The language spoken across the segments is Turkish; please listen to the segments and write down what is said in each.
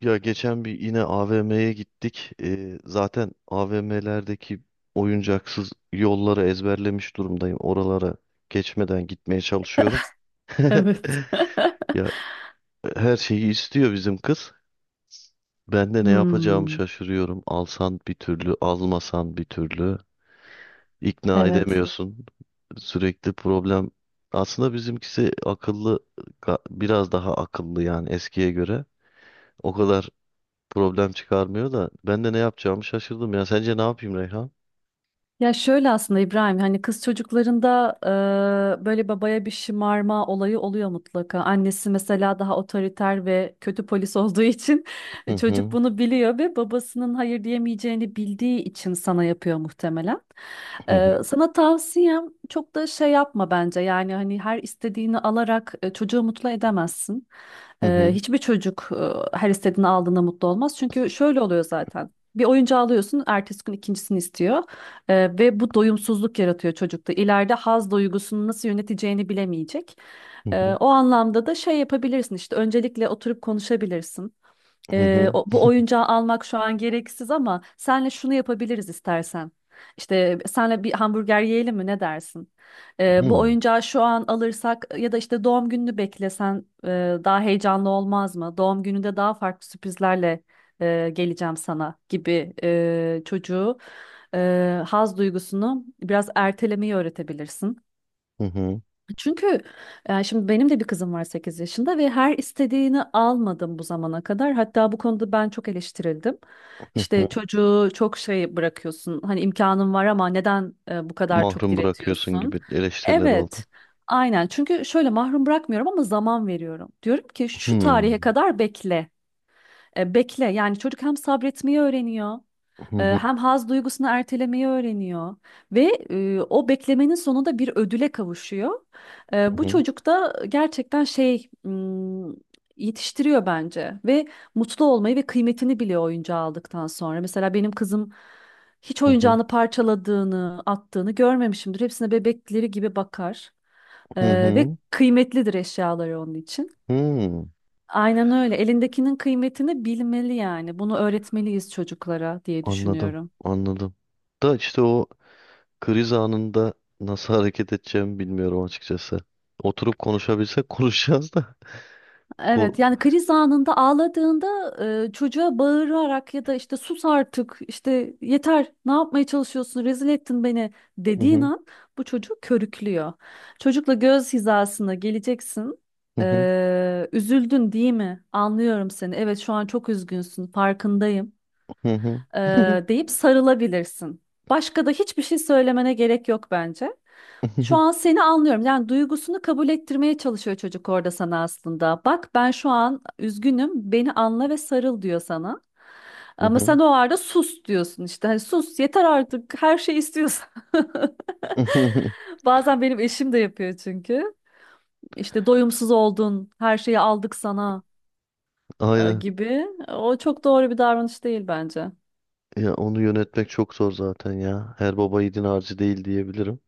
Ya geçen bir yine AVM'ye gittik. Zaten AVM'lerdeki oyuncaksız yolları ezberlemiş durumdayım. Oralara geçmeden gitmeye çalışıyorum. Evet. Ya her şeyi istiyor bizim kız. Ben de ne yapacağımı Hmm, şaşırıyorum. Alsan bir türlü, almasan bir türlü. İkna evet. edemiyorsun. Sürekli problem. Aslında bizimkisi akıllı, biraz daha akıllı yani eskiye göre. O kadar problem çıkarmıyor da ben de ne yapacağımı şaşırdım ya. Sence ne yapayım Reyhan? Ya şöyle aslında İbrahim hani kız çocuklarında böyle babaya bir şımarma olayı oluyor mutlaka. Annesi mesela daha otoriter ve kötü polis olduğu için Hı çocuk hı, bunu biliyor ve babasının hayır diyemeyeceğini bildiği için sana yapıyor muhtemelen. hı hı, Sana tavsiyem çok da şey yapma bence yani hani her istediğini alarak çocuğu mutlu edemezsin. hı hı, Hiçbir çocuk her istediğini aldığında mutlu olmaz. Çünkü şöyle oluyor zaten. Bir oyuncağı alıyorsun, ertesi gün ikincisini istiyor, ve bu doyumsuzluk yaratıyor çocukta. İleride haz duygusunu nasıl yöneteceğini bilemeyecek. hı hı, O anlamda da şey yapabilirsin işte öncelikle oturup konuşabilirsin. hı hı, Bu oyuncağı almak şu an gereksiz ama senle şunu yapabiliriz istersen. İşte senle bir hamburger yiyelim mi ne dersin? hı Bu hı, oyuncağı şu an alırsak ya da işte doğum gününü beklesen daha heyecanlı olmaz mı? Doğum gününde daha farklı sürprizlerle geleceğim sana gibi çocuğu haz duygusunu biraz ertelemeyi öğretebilirsin. hı hı. Çünkü yani şimdi benim de bir kızım var 8 yaşında ve her istediğini almadım bu zamana kadar. Hatta bu konuda ben çok eleştirildim. Hı hı. İşte çocuğu çok şey bırakıyorsun. Hani imkanın var ama neden bu kadar çok Mahrum bırakıyorsun diretiyorsun? gibi eleştiriler oldu. Evet. Aynen. Çünkü şöyle mahrum bırakmıyorum ama zaman veriyorum. Diyorum ki şu tarihe Hmm, kadar bekle. Bekle. Yani çocuk hem sabretmeyi öğreniyor. hı hı, Hem haz duygusunu ertelemeyi öğreniyor ve o beklemenin sonunda bir ödüle kavuşuyor. Hı Bu hı, çocuk da gerçekten yetiştiriyor bence ve mutlu olmayı ve kıymetini biliyor oyuncağı aldıktan sonra. Mesela benim kızım hiç hı hı, oyuncağını parçaladığını, attığını görmemişimdir. Hepsine bebekleri gibi bakar E, hı ve hı, kıymetlidir eşyaları onun için. hı. Aynen öyle. Elindekinin kıymetini bilmeli yani. Bunu öğretmeliyiz çocuklara diye Anladım, düşünüyorum. anladım. Da işte o kriz anında nasıl hareket edeceğimi bilmiyorum açıkçası. Oturup konuşabilsek konuşacağız da. Ko- Evet yani kriz anında ağladığında çocuğa bağırarak ya da işte sus artık işte yeter ne yapmaya çalışıyorsun rezil ettin beni Hı dediğin hı, an bu çocuğu körüklüyor. Çocukla göz hizasına geleceksin. hı hı, Üzüldün değil mi? Anlıyorum seni. Evet şu an çok üzgünsün farkındayım, hı hı, e, hı deyip sarılabilirsin. Başka da hiçbir şey söylemene gerek yok bence. Şu hı, an seni anlıyorum. Yani duygusunu kabul ettirmeye çalışıyor çocuk orada sana aslında. Bak ben şu an üzgünüm, beni anla ve sarıl diyor sana. hı Ama hı, sen o arada sus diyorsun işte. Hani sus yeter artık her şey istiyorsun. hı hı. Bazen benim eşim de yapıyor çünkü. İşte doyumsuz oldun, her şeyi aldık sana Aynen. gibi. O çok doğru bir davranış değil bence. Ya onu yönetmek çok zor zaten ya. Her baba yiğidin harcı değil diyebilirim.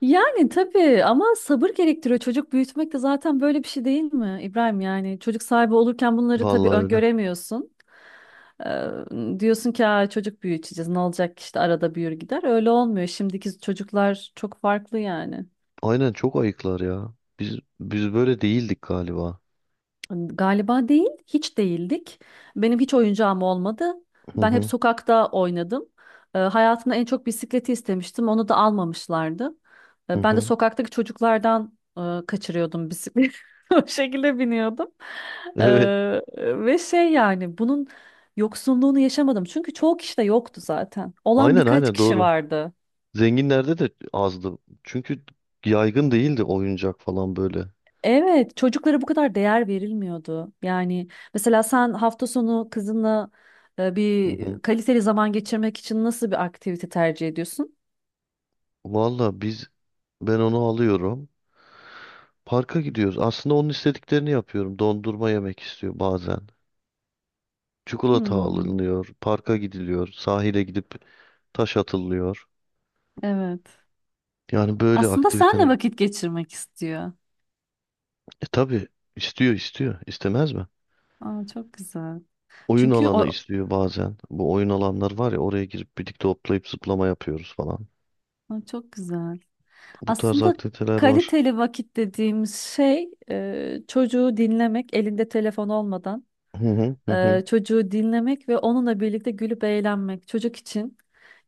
Yani tabii ama sabır gerektiriyor. Çocuk büyütmek de zaten böyle bir şey değil mi İbrahim? Yani çocuk sahibi olurken bunları tabii Vallahi öyle. öngöremiyorsun. Diyorsun ki "Aa, çocuk büyüteceğiz ne olacak ki işte arada büyür gider." Öyle olmuyor. Şimdiki çocuklar çok farklı yani. Aynen çok ayıklar ya. Biz böyle değildik galiba. Galiba değil, hiç değildik. Benim hiç oyuncağım olmadı. Hı Ben hep hı sokakta oynadım. Hayatımda en çok bisikleti istemiştim. Onu da almamışlardı. hı Ben de hı. sokaktaki çocuklardan kaçırıyordum bisikleti. O şekilde biniyordum. E, Evet. Ve şey yani bunun yoksunluğunu yaşamadım. Çünkü çoğu kişi de yoktu zaten. Olan Aynen birkaç aynen kişi doğru. vardı. Zenginlerde de azdı. Çünkü yaygın değildi oyuncak falan böyle. Evet, çocuklara bu kadar değer verilmiyordu. Yani mesela sen hafta sonu kızınla Hı hı. bir kaliteli zaman geçirmek için nasıl bir aktivite tercih ediyorsun? Valla ben onu alıyorum. Parka gidiyoruz. Aslında onun istediklerini yapıyorum. Dondurma yemek istiyor bazen. Çikolata Hmm, alınıyor. Parka gidiliyor. Sahile gidip taş atılıyor. evet. Yani böyle Aslında senle aktiviteler. vakit geçirmek istiyor. E tabii istiyor istiyor. İstemez mi? Aa, çok güzel. Oyun Çünkü alanı o. istiyor bazen. Bu oyun alanlar var ya oraya girip birlikte hoplayıp zıplama yapıyoruz falan. Aa, çok güzel. Bu tarz Aslında aktiviteler var. kaliteli vakit dediğimiz şey çocuğu dinlemek elinde telefon olmadan. Hı hı hı hı. Çocuğu dinlemek ve onunla birlikte gülüp eğlenmek çocuk için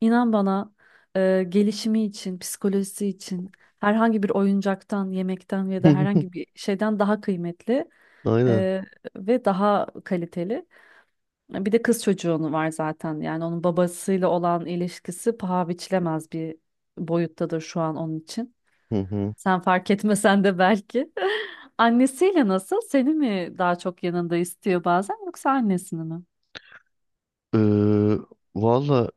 inan bana, gelişimi için, psikolojisi için herhangi bir oyuncaktan, yemekten ya da herhangi bir şeyden daha kıymetli Aynen. e, ve daha kaliteli. Bir de kız çocuğunu var zaten yani onun babasıyla olan ilişkisi paha biçilemez bir boyuttadır şu an onun için. Hı hı. Sen fark etmesen de belki. Annesiyle nasıl? Seni mi daha çok yanında istiyor bazen yoksa annesini mi? Ee, Valla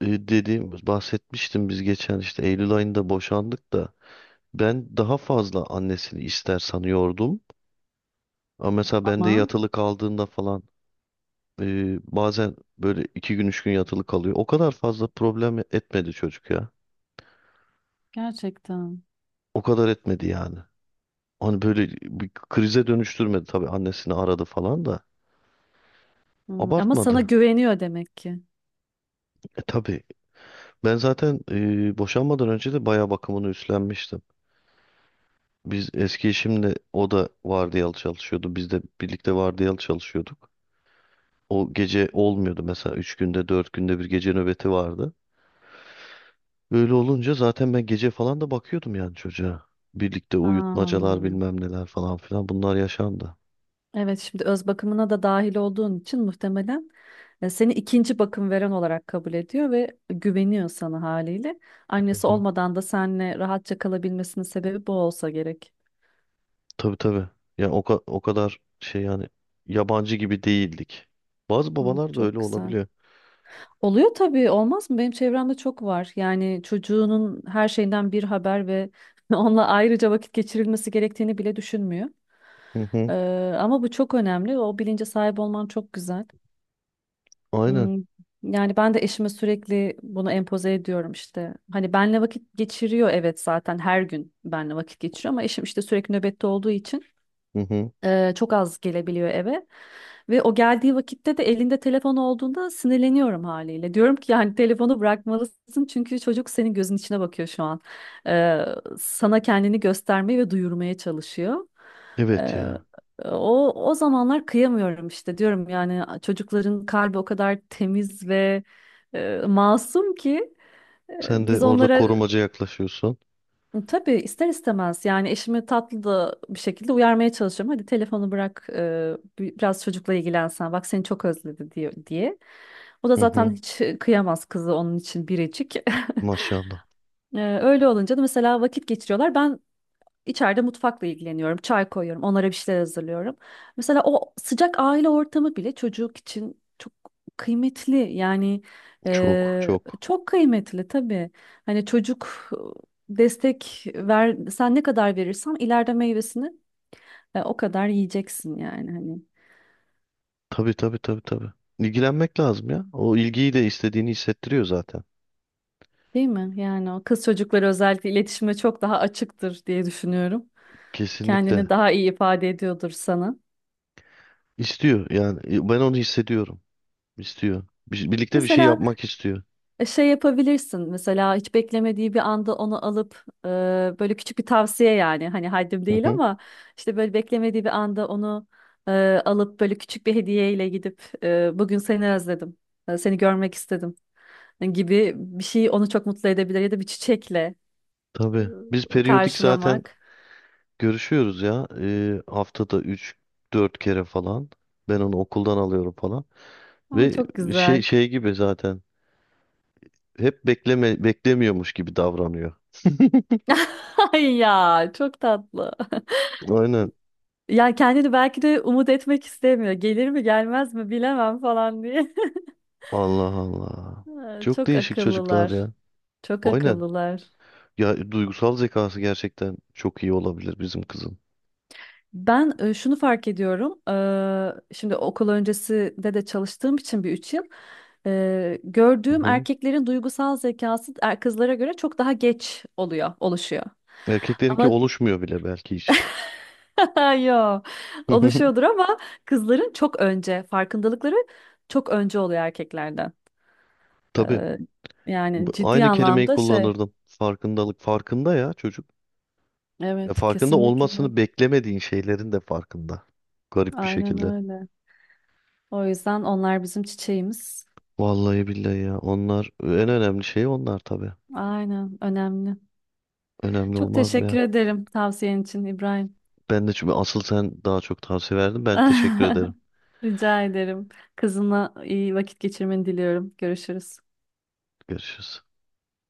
dediğim bahsetmiştim biz geçen işte Eylül ayında boşandık da ben daha fazla annesini ister sanıyordum. Ama mesela ben de Ama. yatılı kaldığında falan. Bazen böyle iki gün üç gün yatılı kalıyor. O kadar fazla problem etmedi çocuk ya. Gerçekten. O kadar etmedi yani. Hani böyle bir krize dönüştürmedi tabii annesini aradı falan da. Hmm, ama sana Abartmadı. güveniyor demek ki. E, tabii. Ben zaten boşanmadan önce de bayağı bakımını üstlenmiştim. Biz eski eşimle o da vardiyalı çalışıyordu. Biz de birlikte vardiyalı çalışıyorduk. O gece olmuyordu mesela. Üç günde dört günde bir gece nöbeti vardı. Öyle olunca zaten ben gece falan da bakıyordum yani çocuğa. Birlikte uyutmacalar Hmm. bilmem neler falan filan bunlar yaşandı. Evet şimdi öz bakımına da dahil olduğun için muhtemelen seni ikinci bakım veren olarak kabul ediyor ve güveniyor sana haliyle. Hı Annesi hı. olmadan da seninle rahatça kalabilmesinin sebebi bu olsa gerek. Tabii tabii. Yani o, o kadar şey yani yabancı gibi değildik. Bazı Hmm, babalar da öyle çok güzel. olabiliyor. Oluyor tabii olmaz mı? Benim çevremde çok var. Yani çocuğunun her şeyden bir haber ve onunla ayrıca vakit geçirilmesi gerektiğini bile düşünmüyor. Hı hı. Ee, Ama bu çok önemli. O bilince sahip olman çok güzel. Aynen. Hmm, yani ben de eşime sürekli bunu empoze ediyorum işte. Hani benle vakit geçiriyor, evet, zaten her gün benle vakit geçiriyor ama eşim işte sürekli nöbette olduğu için Hı hı. Çok az gelebiliyor eve. Ve o geldiği vakitte de elinde telefon olduğunda sinirleniyorum haliyle. Diyorum ki yani telefonu bırakmalısın çünkü çocuk senin gözün içine bakıyor şu an. Sana kendini göstermeye ve duyurmaya çalışıyor. Evet Eee, ya. O o zamanlar kıyamıyorum işte diyorum yani çocukların kalbi o kadar temiz ve masum ki Sen de biz orada onlara. korumaca yaklaşıyorsun. Tabii ister istemez yani eşimi tatlı da bir şekilde uyarmaya çalışıyorum. Hadi telefonu bırak, biraz çocukla ilgilensen bak seni çok özledi diyor diye. O da Hı zaten hı. hiç kıyamaz, kızı onun için biricik. Maşallah. Öyle olunca da mesela vakit geçiriyorlar. Ben İçeride mutfakla ilgileniyorum. Çay koyuyorum. Onlara bir şeyler hazırlıyorum. Mesela o sıcak aile ortamı bile çocuk için çok kıymetli. Yani Çok çok. çok kıymetli tabii. Hani çocuk, destek ver, sen ne kadar verirsen ileride meyvesini o kadar yiyeceksin yani hani. Tabii tabii tabii tabii. İlgilenmek lazım ya. O ilgiyi de istediğini hissettiriyor zaten. Değil mi? Yani o kız çocukları özellikle iletişime çok daha açıktır diye düşünüyorum. Kendini Kesinlikle. daha iyi ifade ediyordur sana. İstiyor yani. E, ben onu hissediyorum. İstiyor. Birlikte bir şey Mesela yapmak istiyor. Şey yapabilirsin mesela hiç beklemediği bir anda onu alıp, böyle küçük bir tavsiye yani hani haddim Hı değil hı. ama işte böyle beklemediği bir anda onu e, alıp böyle küçük bir hediyeyle gidip, bugün seni özledim, seni görmek istedim gibi bir şey onu çok mutlu edebilir ya da bir çiçekle Tabii. Biz periyodik zaten karşılamak, görüşüyoruz ya. Haftada üç dört kere falan. Ben onu okuldan alıyorum falan. ama Ve çok şey güzel. şey gibi zaten. Hep bekleme beklemiyormuş gibi davranıyor. Ay ya çok tatlı. Aynen. Ya kendini belki de umut etmek istemiyor. Gelir mi gelmez mi bilemem falan diye. Allah Allah. Ha, Çok çok değişik çocuklar akıllılar. ya. Çok Aynen. akıllılar. Ya duygusal zekası gerçekten çok iyi olabilir bizim kızın. Ben şunu fark ediyorum. Şimdi okul öncesinde de çalıştığım için bir 3 yıl. Hı Gördüğüm hı. erkeklerin duygusal zekası, kızlara göre çok daha geç oluyor, oluşuyor. Erkeklerinki Ama oluşmuyor bile belki hiç. yo, oluşuyordur ama kızların çok önce farkındalıkları çok önce oluyor erkeklerden. E, Tabii. Yani ciddi Aynı kelimeyi anlamda şey. kullanırdım. Farkındalık farkında ya çocuk. Ya Evet, farkında kesinlikle. olmasını beklemediğin şeylerin de farkında. Garip bir Aynen şekilde. öyle. O yüzden onlar bizim çiçeğimiz. Vallahi billahi ya. Onlar en önemli şey onlar tabii. Aynen, önemli. Önemli Çok olmaz mı teşekkür ya? ederim tavsiyen için İbrahim. Ben de çünkü asıl sen daha çok tavsiye verdin. Ben teşekkür ederim. Rica ederim. Kızına iyi vakit geçirmeni diliyorum. Görüşürüz. Görüşürüz.